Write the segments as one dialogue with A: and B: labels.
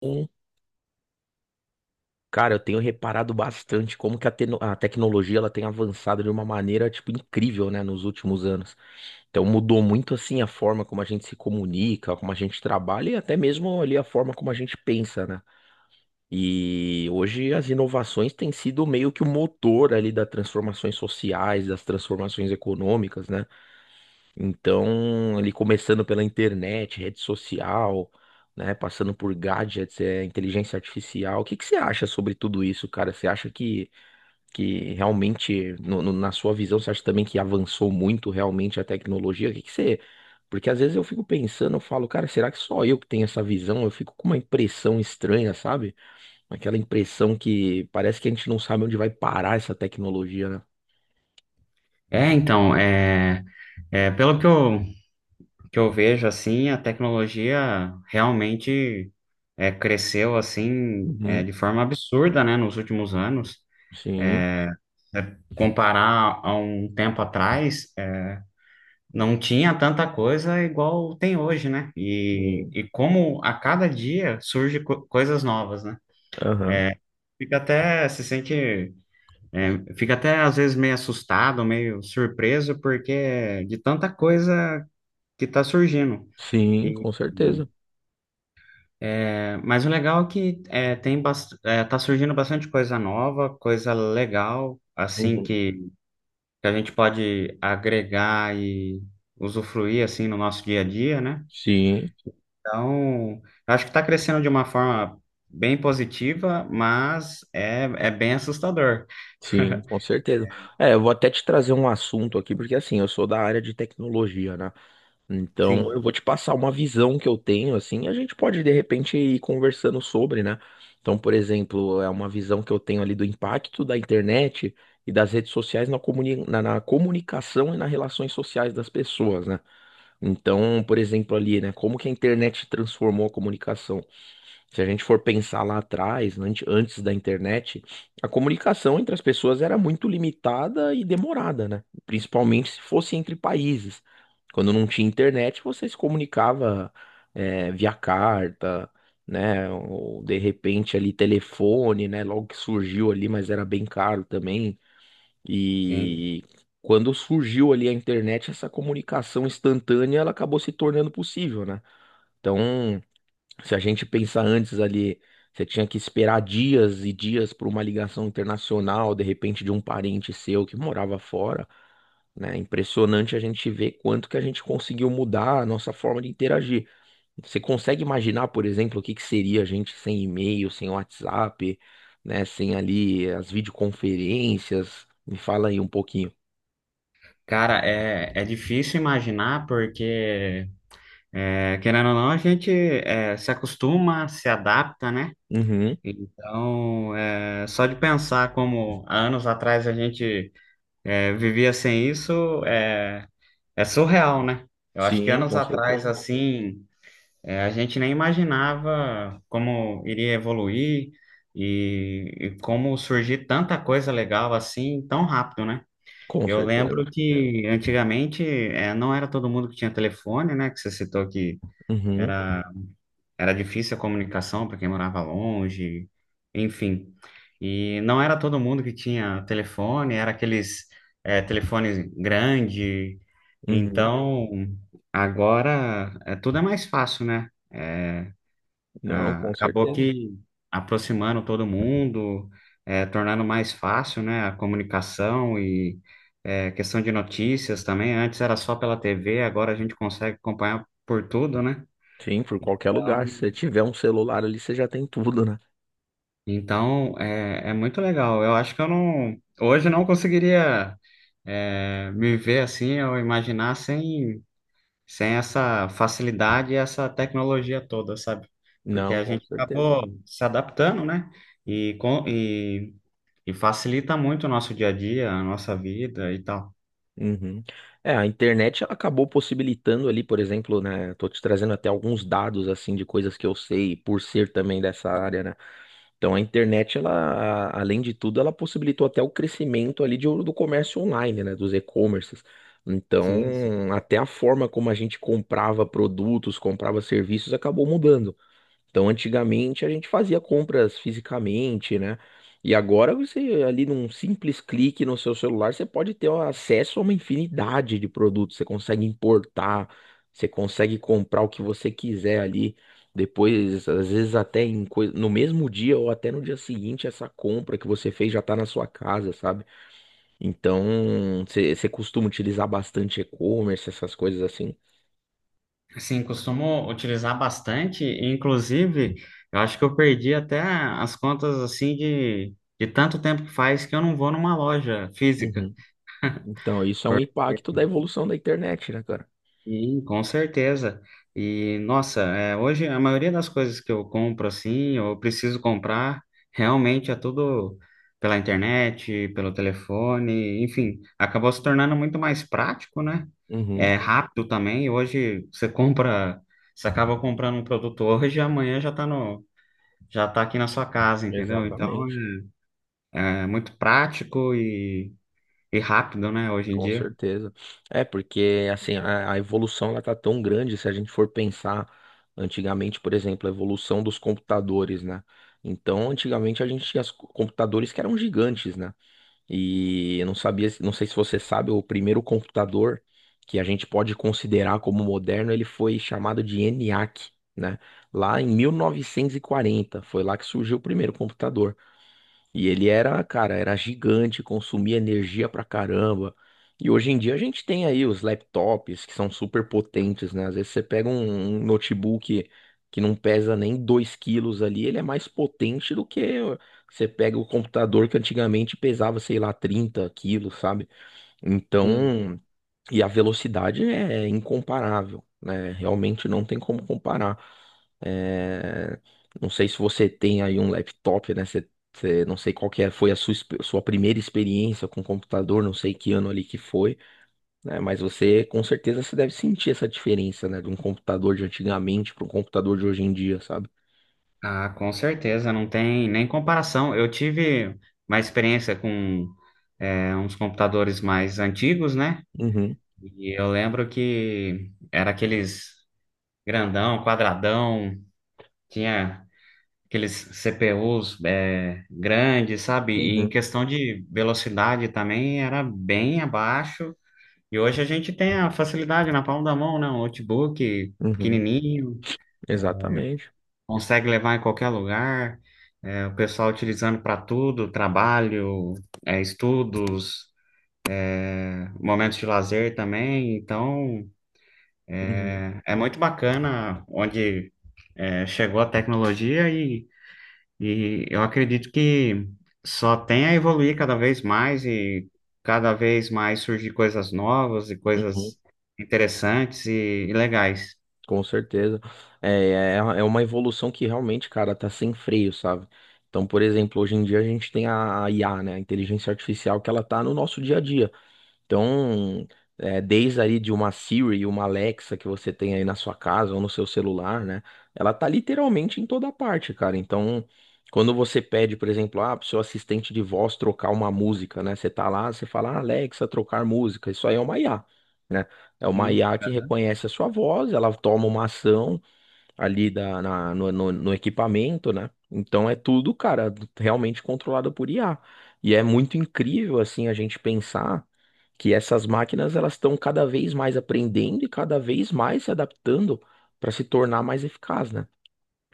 A: Sim. Cara, eu tenho reparado bastante como que a tecnologia ela tem avançado de uma maneira tipo incrível, né, nos últimos anos. Então mudou muito assim a forma como a gente se comunica, como a gente trabalha e até mesmo ali a forma como a gente pensa, né? E hoje as inovações têm sido meio que o motor ali das transformações sociais, das transformações econômicas, né? Então, ali começando pela internet, rede social, né, passando por gadgets, inteligência artificial. O que que você acha sobre tudo isso, cara? Você acha que realmente, na sua visão, você acha também que avançou muito realmente a tecnologia? O que que você... Porque às vezes eu fico pensando, eu falo, cara, será que só eu que tenho essa visão? Eu fico com uma impressão estranha, sabe? Aquela impressão que parece que a gente não sabe onde vai parar essa tecnologia, né?
B: É, então, é, é, pelo que eu, que eu vejo, assim, a tecnologia realmente cresceu, assim,
A: Uhum.
B: de forma absurda, né, nos últimos anos.
A: Sim.
B: Comparar a um tempo atrás, não tinha tanta coisa igual tem hoje, né? E,
A: Sim.
B: e como a cada dia surge coisas novas, né?
A: Aham.
B: Fica até, se sente, é, fica até às vezes meio assustado, meio surpreso, porque é de tanta coisa que está surgindo.
A: Sim,
B: E,
A: com certeza.
B: mas o legal é que tá surgindo bastante coisa nova, coisa legal, assim
A: Uhum.
B: que a gente pode agregar e usufruir assim no nosso dia a dia, né?
A: Sim,
B: Então, eu acho que está crescendo de uma forma bem positiva, mas é bem assustador.
A: sim, com certeza. É, eu vou até te trazer um assunto aqui, porque assim, eu sou da área de tecnologia, né? Então,
B: Sim,
A: eu vou te passar uma visão que eu tenho, assim, e a gente pode, de repente, ir conversando sobre, né? Então, por exemplo, é uma visão que eu tenho ali do impacto da internet e das redes sociais na comunicação e nas relações sociais das pessoas, né? Então, por exemplo, ali, né? Como que a internet transformou a comunicação? Se a gente for pensar lá atrás, antes da internet, a comunicação entre as pessoas era muito limitada e demorada, né? Principalmente se fosse entre países. Quando não tinha internet, você se comunicava, via carta, né? Ou de repente ali telefone, né? Logo que surgiu ali, mas era bem caro também.
B: sim.
A: E quando surgiu ali a internet, essa comunicação instantânea, ela acabou se tornando possível, né? Então. Se a gente pensar antes ali, você tinha que esperar dias e dias por uma ligação internacional, de repente de um parente seu que morava fora, né? Impressionante a gente ver quanto que a gente conseguiu mudar a nossa forma de interagir. Você consegue imaginar, por exemplo, o que que seria a gente sem e-mail, sem WhatsApp, né? Sem ali as videoconferências? Me fala aí um pouquinho.
B: Cara, é difícil imaginar porque querendo ou não, a gente se acostuma, se adapta, né?
A: Uhum.
B: Então, só de pensar como há anos atrás a gente vivia sem isso é surreal, né? Eu acho que
A: Sim,
B: anos
A: com
B: atrás,
A: certeza.
B: assim, a gente nem imaginava como iria evoluir e como surgir tanta coisa legal assim tão rápido, né?
A: Com
B: Eu
A: certeza.
B: lembro que antigamente não era todo mundo que tinha telefone, né? Que você citou que
A: Uhum,
B: era era difícil a comunicação para quem morava longe, enfim. E não era todo mundo que tinha telefone, era aqueles telefones grande.
A: uhum.
B: Então, agora tudo é mais fácil, né?
A: Não, com
B: Acabou
A: certeza.
B: que aproximando todo mundo, tornando mais fácil, né, a comunicação e questão de notícias também. Antes era só pela TV, agora a gente consegue acompanhar por tudo, né?
A: Sim, por qualquer lugar.
B: Então,
A: Se você tiver um celular ali, você já tem tudo, né?
B: Então, é, é muito legal. Eu acho que eu não, hoje eu não conseguiria me ver assim ou imaginar sem essa facilidade e essa tecnologia toda, sabe? Porque
A: Não,
B: a
A: com
B: gente
A: certeza.
B: acabou se adaptando, né? E e facilita muito o nosso dia a dia, a nossa vida e tal.
A: Uhum. É, a internet ela acabou possibilitando ali, por exemplo, né? Tô te trazendo até alguns dados assim de coisas que eu sei por ser também dessa área, né? Então a internet, ela, além de tudo, ela possibilitou até o crescimento ali do comércio online, né? Dos e-commerces.
B: Sim, sim.
A: Então, até a forma como a gente comprava produtos, comprava serviços, acabou mudando. Então, antigamente a gente fazia compras fisicamente, né? E agora você, ali num simples clique no seu celular, você pode ter acesso a uma infinidade de produtos. Você consegue importar, você consegue comprar o que você quiser ali. Depois, às vezes até em no mesmo dia ou até no dia seguinte, essa compra que você fez já está na sua casa, sabe? Então, você costuma utilizar bastante e-commerce, essas coisas assim.
B: Sim, costumo utilizar bastante, e, inclusive, eu acho que eu perdi até as contas assim de tanto tempo que faz que eu não vou numa loja física.
A: Uhum. Então, isso é um impacto da evolução da internet, né, cara?
B: Sim, com certeza. E nossa, é, hoje a maioria das coisas que eu compro assim, realmente é tudo pela internet, pelo telefone, enfim, acabou se tornando muito mais prático, né?
A: Uhum.
B: É rápido também. Hoje você compra, você acaba comprando um produto hoje e amanhã já tá no, já tá aqui na sua casa, entendeu? Então
A: Exatamente,
B: é muito prático e rápido, né, hoje em
A: com
B: dia.
A: certeza. É porque assim a evolução ela tá tão grande se a gente for pensar antigamente, por exemplo, a evolução dos computadores, né? Então, antigamente a gente tinha os computadores que eram gigantes, né? E eu não sabia, não sei se você sabe, o primeiro computador que a gente pode considerar como moderno, ele foi chamado de ENIAC, né? Lá em 1940, foi lá que surgiu o primeiro computador. E ele era, cara, era gigante, consumia energia pra caramba. E hoje em dia a gente tem aí os laptops que são super potentes, né? Às vezes você pega um notebook que não pesa nem 2 quilos ali, ele é mais potente do que você pega o computador que antigamente pesava, sei lá, 30 quilos, sabe? Então, e a velocidade é incomparável, né? Realmente não tem como comparar. É, não sei se você tem aí um laptop, né? Não sei qual que foi a sua, sua primeira experiência com computador, não sei que ano ali que foi, né? Mas você, com certeza, você deve sentir essa diferença, né? De um computador de antigamente para um computador de hoje em dia, sabe?
B: Ah, com certeza, não tem nem comparação. Eu tive uma experiência com uns computadores mais antigos, né?
A: Uhum,
B: E eu lembro que era aqueles grandão, quadradão, tinha aqueles CPUs grandes, sabe? E em
A: uhum,
B: questão de velocidade também era bem abaixo. E hoje a gente tem a facilidade na palma da mão, né? Um notebook
A: uhum,
B: pequenininho.
A: exatamente.
B: Consegue levar em qualquer lugar, o pessoal utilizando para tudo, trabalho, estudos, momentos de lazer também. Então,
A: Uhum,
B: é é muito bacana onde chegou a tecnologia e eu acredito que só tem a evoluir cada vez mais e cada vez mais surgir coisas novas e
A: uhum.
B: coisas interessantes e legais.
A: Com certeza. É uma evolução que realmente, cara, tá sem freio, sabe? Então, por exemplo, hoje em dia a gente tem a IA, né, a inteligência artificial, que ela tá no nosso dia a dia. Então, desde aí de uma Siri, uma Alexa que você tem aí na sua casa ou no seu celular, né? Ela tá literalmente em toda parte, cara. Então, quando você pede, por exemplo, ah, pro seu assistente de voz trocar uma música, né? Você tá lá, você fala, ah, Alexa, trocar música. Isso aí é uma IA, né? É uma
B: Sim,
A: IA que reconhece a sua voz, ela toma uma ação ali da, na- no, no- no equipamento, né? Então é tudo, cara, realmente controlado por IA. E é muito incrível, assim, a gente pensar que essas máquinas elas estão cada vez mais aprendendo e cada vez mais se adaptando para se tornar mais eficaz, né?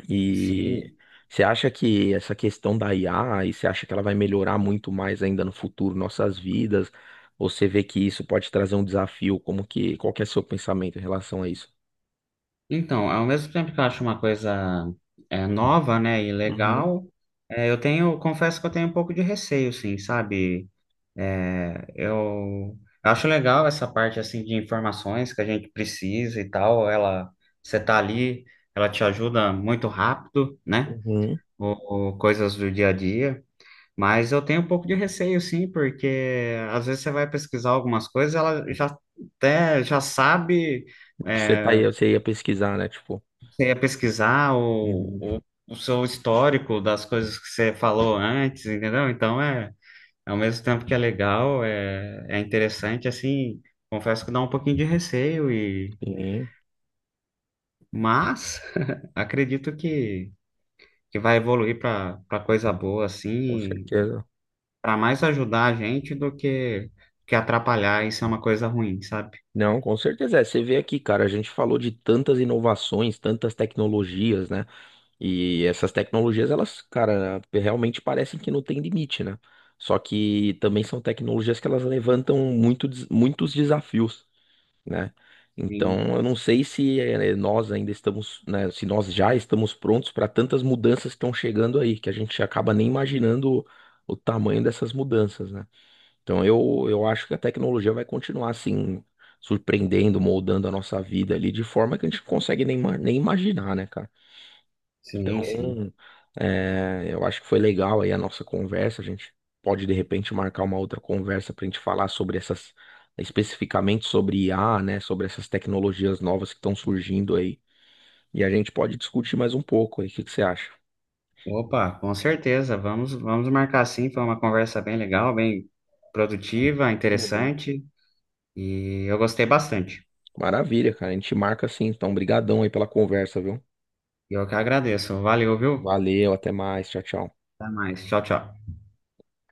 A: E
B: sim.
A: você acha que essa questão da IA, e você acha que ela vai melhorar muito mais ainda no futuro nossas vidas? Ou você vê que isso pode trazer um desafio, qual que é seu pensamento em relação a isso?
B: Então, ao mesmo tempo que eu acho uma coisa nova, né, e
A: Uhum.
B: legal, confesso que eu tenho um pouco de receio, sim, sabe? É, eu, eu acho legal essa parte, assim, de informações que a gente precisa e tal, você tá ali, ela te ajuda muito rápido, né,
A: Uhum.
B: ou coisas do dia a dia, mas eu tenho um pouco de receio, sim, porque às vezes você vai pesquisar algumas coisas, ela já sabe...
A: Você tá
B: eh,
A: aí, você ia pesquisar, né? Tipo,
B: você ia pesquisar
A: Uhum.
B: o seu histórico das coisas que você falou antes, entendeu? Ao mesmo tempo que é legal, é interessante, assim, confesso que dá um pouquinho de receio e
A: Sim,
B: mas acredito que vai evoluir para coisa boa,
A: com
B: assim,
A: certeza.
B: para mais ajudar a gente do que atrapalhar, isso é uma coisa ruim, sabe?
A: Não, com certeza. É, você vê aqui, cara, a gente falou de tantas inovações, tantas tecnologias, né? E essas tecnologias, elas, cara, realmente parecem que não tem limite, né? Só que também são tecnologias que elas levantam muito, muitos desafios, né?
B: Sim,
A: Então, eu não sei se nós ainda estamos, né, se nós já estamos prontos para tantas mudanças que estão chegando aí, que a gente acaba nem imaginando o tamanho dessas mudanças, né? Então, eu acho que a tecnologia vai continuar assim, surpreendendo, moldando a nossa vida ali de forma que a gente não consegue nem imaginar, né, cara?
B: sim, sim.
A: Então, eu acho que foi legal aí a nossa conversa. A gente pode de repente marcar uma outra conversa para a gente falar sobre essas, especificamente sobre IA, né? Sobre essas tecnologias novas que estão surgindo aí. E a gente pode discutir mais um pouco aí. O que que você acha?
B: Opa, com certeza. Vamos marcar sim. Foi uma conversa bem legal, bem produtiva,
A: Uhum.
B: interessante. E eu gostei bastante.
A: Maravilha, cara. A gente marca assim. Então, brigadão aí pela conversa, viu?
B: E eu que agradeço. Valeu, viu?
A: Valeu, até mais. Tchau, tchau.
B: Até mais. Tchau, tchau.